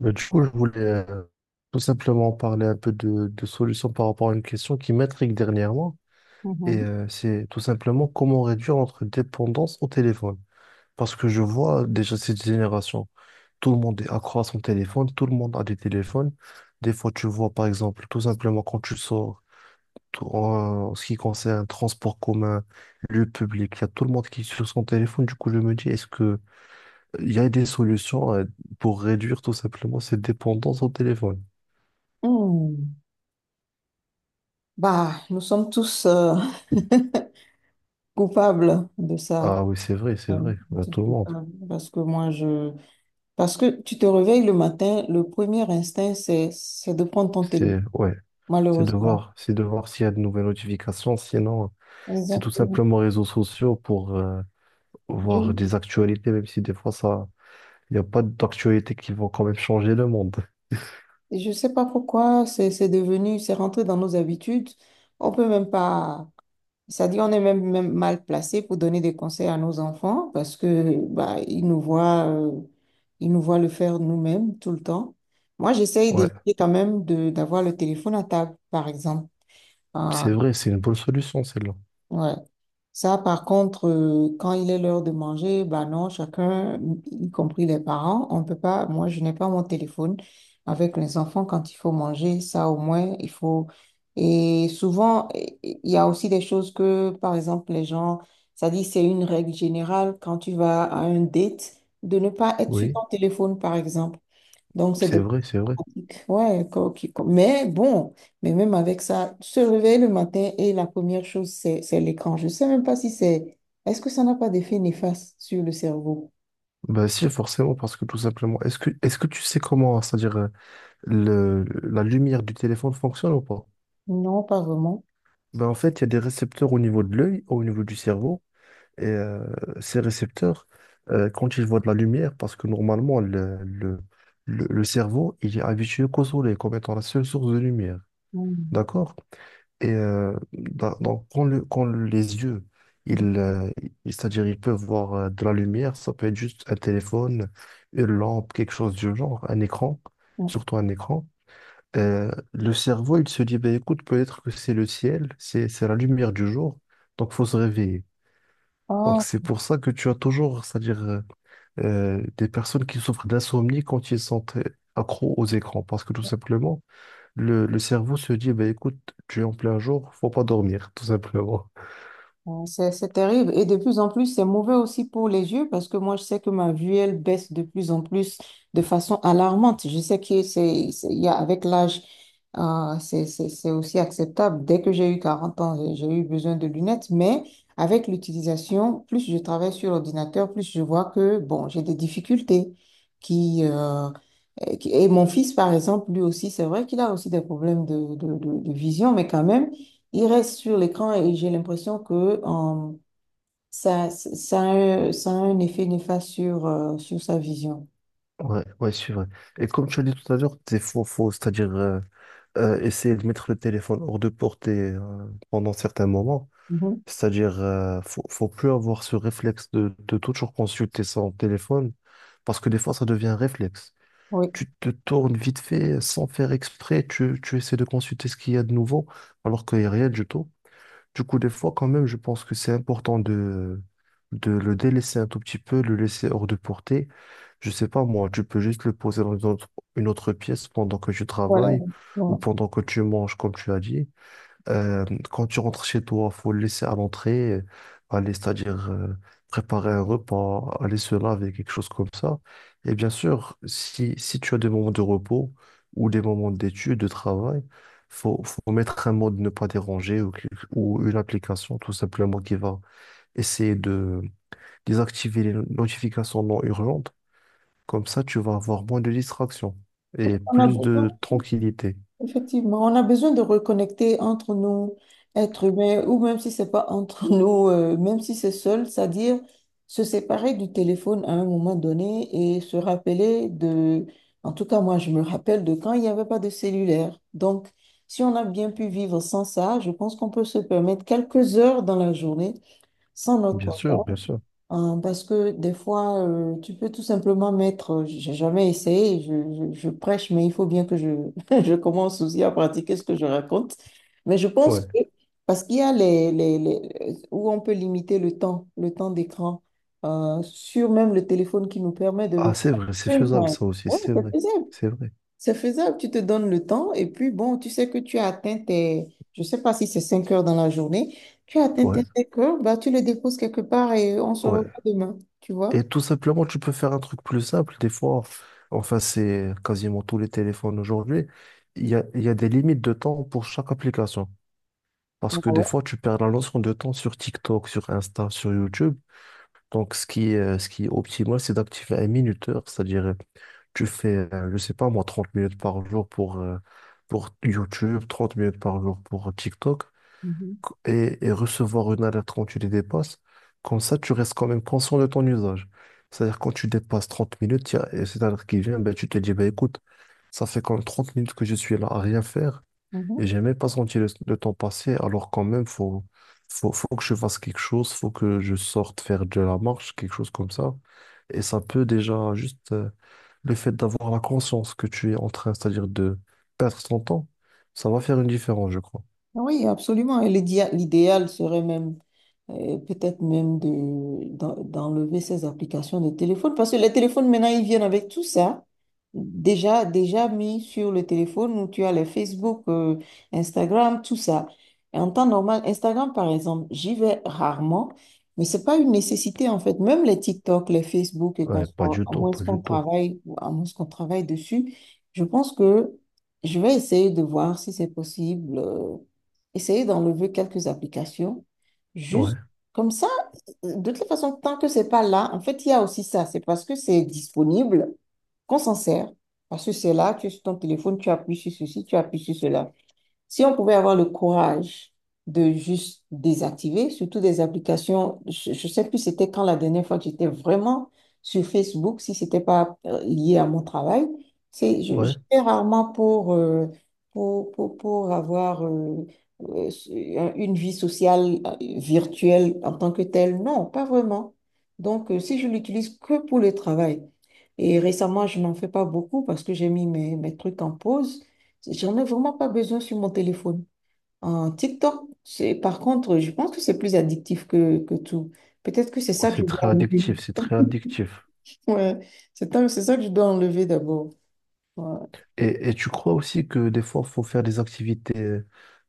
Bah, du coup, je voulais tout simplement parler un peu de solutions par rapport à une question qui m'intrigue dernièrement. Et Mhm. C'est tout simplement comment réduire notre dépendance au téléphone. Parce que je vois déjà cette génération, tout le monde est accro à son téléphone, tout le monde a des téléphones. Des fois, tu vois, par exemple, tout simplement quand tu sors, ce qui concerne transport commun, lieu public, il y a tout le monde qui est sur son téléphone. Du coup, je me dis, est-ce que il y a des solutions pour réduire tout simplement cette dépendance au téléphone? Hmm. Bah, nous sommes tous coupables de ça. Ah oui, c'est vrai, c'est On vrai. est Bah, tous tout le monde. coupables parce que moi, je... Parce que tu te réveilles le matin, le premier instinct, c'est de prendre ton téléphone, C'est ouais, c'est de malheureusement. voir, c'est de voir s'il y a de nouvelles notifications. Sinon, c'est tout Exactement. simplement réseaux sociaux pour Je voir des actualités, même si des fois il n'y a pas d'actualités qui vont quand même changer le monde. je sais pas pourquoi, c'est devenu, c'est rentré dans nos habitudes. On peut même pas... C'est-à-dire, on est même, même mal placé pour donner des conseils à nos enfants parce que bah, ils nous voient le faire nous-mêmes tout le temps. Moi, j'essaye Ouais, d'éviter quand même de d'avoir le téléphone à table, par exemple. c'est Enfin, vrai, c'est une bonne solution celle-là. ouais. Ça, par contre, quand il est l'heure de manger, bah non, chacun, y compris les parents, on peut pas, moi, je n'ai pas mon téléphone avec les enfants quand il faut manger, ça au moins, il faut. Et souvent, il y a aussi des choses que, par exemple, les gens, ça dit, c'est une règle générale quand tu vas à un date, de ne pas être sur Oui, ton téléphone, par exemple. Donc, c'est c'est des... vrai, c'est vrai. Ouais, mais bon, mais même avec ça, se réveiller le matin et la première chose, c'est l'écran. Je ne sais même pas si c'est... Est-ce que ça n'a pas d'effet néfaste sur le cerveau? Bah si, forcément, parce que tout simplement, est-ce que tu sais comment, c'est-à-dire la lumière du téléphone fonctionne ou pas? Non, pas vraiment. Ben en fait, il y a des récepteurs au niveau de l'œil, au niveau du cerveau. Et ces récepteurs, quand ils voient de la lumière, parce que normalement, le cerveau, il est habitué qu'au soleil comme étant la seule source de lumière. Mm. D'accord? Et donc, quand, quand les yeux, ils, euh, c'est-à-dire ils peuvent voir de la lumière, ça peut être juste un téléphone, une lampe, quelque chose du genre, un écran, Mm. surtout un écran. Le cerveau, il se dit, ben écoute, peut-être que c'est le ciel, c'est la lumière du jour, donc faut se réveiller. Donc Ah, c'est pour ça que tu as toujours, c'est-à-dire des personnes qui souffrent d'insomnie quand ils sont accros aux écrans, parce que tout simplement, le cerveau se dit, bah, écoute, tu es en plein jour, faut pas dormir, tout simplement. ouais, c'est terrible. Et de plus en plus, c'est mauvais aussi pour les yeux parce que moi, je sais que ma vue, elle baisse de plus en plus de façon alarmante. Je sais que il y a, avec l'âge, c'est aussi acceptable. Dès que j'ai eu 40 ans, j'ai eu besoin de lunettes. Mais avec l'utilisation, plus je travaille sur l'ordinateur, plus je vois que, bon, j'ai des difficultés qui, euh, et mon fils, par exemple, lui aussi, c'est vrai qu'il a aussi des problèmes de vision, mais quand même, il reste sur l'écran et j'ai l'impression que euh, ça a un effet néfaste sur sa vision. Ouais, ouais, c'est vrai. Et comme tu as dit tout à l'heure, c'est faux, faux, c'est-à-dire essayer de mettre le téléphone hors de portée pendant certains moments, Mhm. c'est-à-dire faut plus avoir ce réflexe de toujours consulter son téléphone, parce que des fois ça devient un réflexe. Oui, Tu te tournes vite fait sans faire exprès, tu essaies de consulter ce qu'il y a de nouveau, alors qu'il n'y a rien du tout. Du coup, des fois, quand même, je pense que c'est important de le délaisser un tout petit peu, le laisser hors de portée. Je sais pas, moi, tu peux juste le poser dans une autre pièce pendant que tu voilà. travailles ou Voilà. pendant que tu manges, comme tu as dit. Euh, Quand tu rentres chez toi, faut le laisser à l'entrée, aller, c'est-à-dire préparer un repas, aller se laver, quelque chose comme ça. Et bien sûr, si tu as des moments de repos ou des moments d'études, de travail, faut mettre un mode ne pas déranger ou, ou une application tout simplement qui va essayer de désactiver les notifications non urgentes. Comme ça, tu vas avoir moins de distractions et On a plus beaucoup de tranquillité. Effectivement, on a besoin de reconnecter entre nous, êtres humains, ou même si c'est pas entre nous, même si c'est seul, c'est-à-dire se séparer du téléphone à un moment donné et en tout cas moi je me rappelle de quand il n'y avait pas de cellulaire. Donc, si on a bien pu vivre sans ça, je pense qu'on peut se permettre quelques heures dans la journée sans notre Bien sûr, bien portable. sûr. Parce que des fois, tu peux tout simplement mettre, j'ai jamais essayé, je prêche, mais il faut bien que je, je commence aussi à pratiquer ce que je raconte. Mais je pense Ouais. que, parce qu'il y a où on peut limiter le temps d'écran, sur même le téléphone qui nous permet de le Ah, c'est vrai, c'est faire. faisable ça aussi, Ouais, c'est c'est vrai. faisable. C'est vrai. C'est faisable, tu te donnes le temps et puis bon, tu sais que tu as atteint tes, je sais pas si c'est 5 heures dans la journée, tu as atteint Ouais, tes 5 heures, bah, tu le déposes quelque part et on se revoit ouais. demain, tu Et vois? tout simplement, tu peux faire un truc plus simple. Des fois, enfin, c'est quasiment tous les téléphones aujourd'hui. Il y a des limites de temps pour chaque application. Ah Parce que des ouais. fois, tu perds la notion de temps sur TikTok, sur Insta, sur YouTube. Donc, ce qui est optimal, c'est d'activer un minuteur. C'est-à-dire, tu fais, je sais pas moi, 30 minutes par jour pour YouTube, 30 minutes par jour pour TikTok. Mhm, Et recevoir une alerte quand tu les dépasses. Comme ça, tu restes quand même conscient de ton usage. C'est-à-dire, quand tu dépasses 30 minutes, il y a et cette alerte qui vient, ben, tu te dis, ben, écoute, ça fait quand même 30 minutes que je suis là à rien faire mhm. et j'ai même pas senti le temps passer. Alors, quand même, faut que je fasse quelque chose, faut que je sorte faire de la marche, quelque chose comme ça. Et ça peut déjà, juste le fait d'avoir la conscience que tu es en train, c'est-à-dire de perdre ton temps, ça va faire une différence, je crois. Ah oui, absolument. Et l'idéal serait même peut-être même d'enlever ces applications de téléphone, parce que les téléphones, maintenant, ils viennent avec tout ça. Déjà mis sur le téléphone où tu as les Facebook, Instagram, tout ça. Et en temps normal, Instagram, par exemple, j'y vais rarement, mais c'est pas une nécessité, en fait. Même les TikTok, les Facebook, et qu'on Ouais, pas soit, du tout, pas du tout. À moins qu'on travaille dessus, je pense que je vais essayer de voir si c'est possible, essayer d'enlever quelques applications. Juste Ouais. comme ça, de toute façon, tant que c'est pas là, en fait, il y a aussi ça. C'est parce que c'est disponible qu'on s'en sert. Parce que c'est là, tu es sur ton téléphone, tu appuies sur ceci, tu appuies sur cela. Si on pouvait avoir le courage de juste désactiver, surtout des applications, je ne sais plus c'était quand la dernière fois que j'étais vraiment sur Facebook, si c'était pas lié à mon travail, c'est, je, Ouais, je fais rarement pour avoir euh, une vie sociale virtuelle en tant que telle. Non, pas vraiment. Donc, si je l'utilise que pour le travail, et récemment, je n'en fais pas beaucoup parce que j'ai mis mes trucs en pause. J'en ai vraiment pas besoin sur mon téléphone. En TikTok, c'est, par contre, je pense que c'est plus addictif que tout. Peut-être que c'est ouais, ça que je c'est dois très enlever. addictif, c'est très addictif. Ouais, c'est ça que je dois enlever d'abord. Ouais. Et tu crois aussi que des fois, il faut faire des activités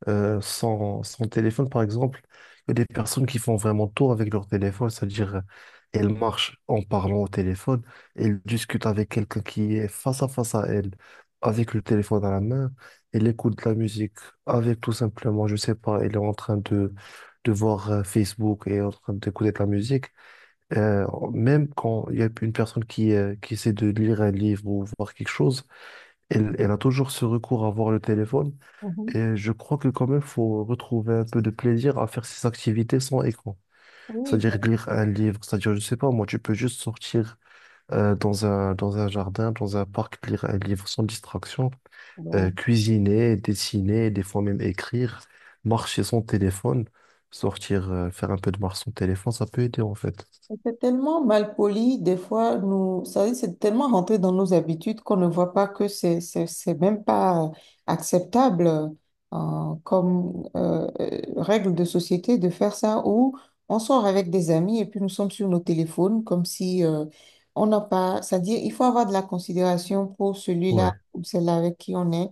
sans téléphone, par exemple. Il y a des personnes qui font vraiment tout avec leur téléphone, c'est-à-dire elles marchent en parlant au téléphone, elles discutent avec quelqu'un qui est face à face à elles, avec le téléphone à la main, elles écoutent de la musique avec tout simplement, je sais pas, elle est en train de voir Facebook et en train d'écouter de la musique. Euh, Même quand il y a une personne qui essaie de lire un livre ou voir quelque chose, elle a toujours ce recours à voir le téléphone. Mhm. Et je crois que quand même, faut retrouver un peu de plaisir à faire ces activités sans écran. Oui, C'est-à-dire lire un livre, c'est-à-dire, je sais pas, moi, tu peux juste sortir dans un jardin, dans un parc, lire un livre sans distraction, donc, cuisiner, dessiner, des fois même écrire, marcher sans téléphone, sortir, faire un peu de marche sans téléphone, ça peut aider en fait. c'est tellement mal poli, des fois, nous, ça veut dire, c'est tellement rentré dans nos habitudes qu'on ne voit pas que c'est même pas acceptable comme règle de société de faire ça où on sort avec des amis et puis nous sommes sur nos téléphones comme si on n'a pas, c'est-à-dire, il faut avoir de la considération pour Ouais, celui-là ou celle-là avec qui on est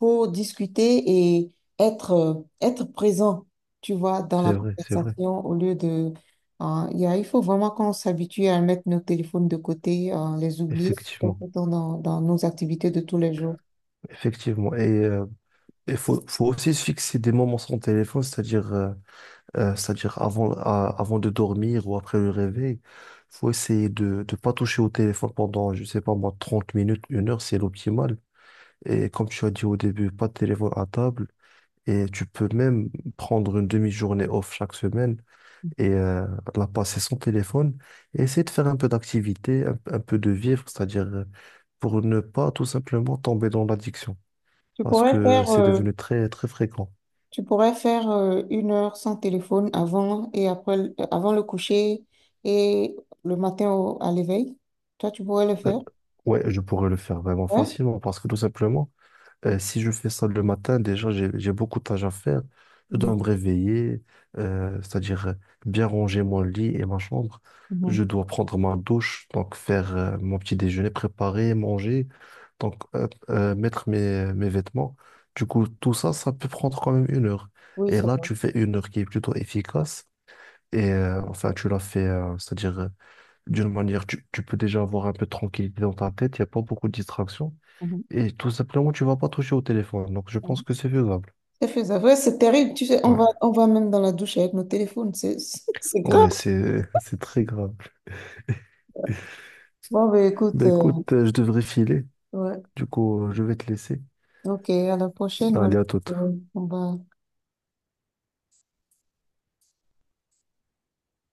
pour discuter et être, euh, être présent, tu vois, dans c'est la vrai, c'est vrai. conversation au lieu de il faut vraiment qu'on s'habitue à mettre nos téléphones de côté, les oublier Effectivement, autant dans nos activités de tous les jours. effectivement. Et il faut aussi se fixer des moments sans téléphone, c'est-à-dire c'est-à-dire avant, avant de dormir ou après le réveil. Il faut essayer de ne pas toucher au téléphone pendant, je sais pas moi, 30 minutes, une heure, c'est l'optimal. Et comme tu as dit au début, pas de téléphone à table. Et tu peux même prendre une demi-journée off chaque semaine et la passer sans téléphone. Et essayer de faire un peu d'activité, un peu de vivre, c'est-à-dire pour ne pas tout simplement tomber dans l'addiction. Tu Parce pourrais que faire, c'est euh, devenu très très fréquent. tu pourrais faire 1 heure sans téléphone avant et après, avant le coucher et le matin à l'éveil. Toi, tu pourrais le Euh, faire. ouais, je pourrais le faire vraiment Ouais. facilement parce que tout simplement, si je fais ça le matin, déjà j'ai beaucoup de tâches à faire. Je dois me réveiller, c'est-à-dire bien ranger mon lit et ma chambre. Je Mhm. dois prendre ma douche, donc faire mon petit déjeuner, préparer, manger, donc mettre mes vêtements. Du coup, tout ça, ça peut prendre quand même une heure. Oui, Et ça là, va. tu fais une heure qui est plutôt efficace. Et enfin, tu l'as fait, c'est-à-dire, d'une manière, tu peux déjà avoir un peu de tranquillité dans ta tête, il n'y a pas beaucoup de distractions. Mhm. Et tout simplement, tu vas pas toucher au téléphone. Donc, je Ouais. pense que c'est faisable. C'est faisable. Ouais, c'est terrible. Tu sais, on va, Ouais, on va même dans la douche avec nos téléphones. C'est, c'est grave. ouais, c'est, c'est très grave. Bon, ben écoute, Ben écoute, je devrais filer. ouais. Du coup, je vais te laisser. Ok, à la prochaine alors. Allez, à toute. Ouais, on va.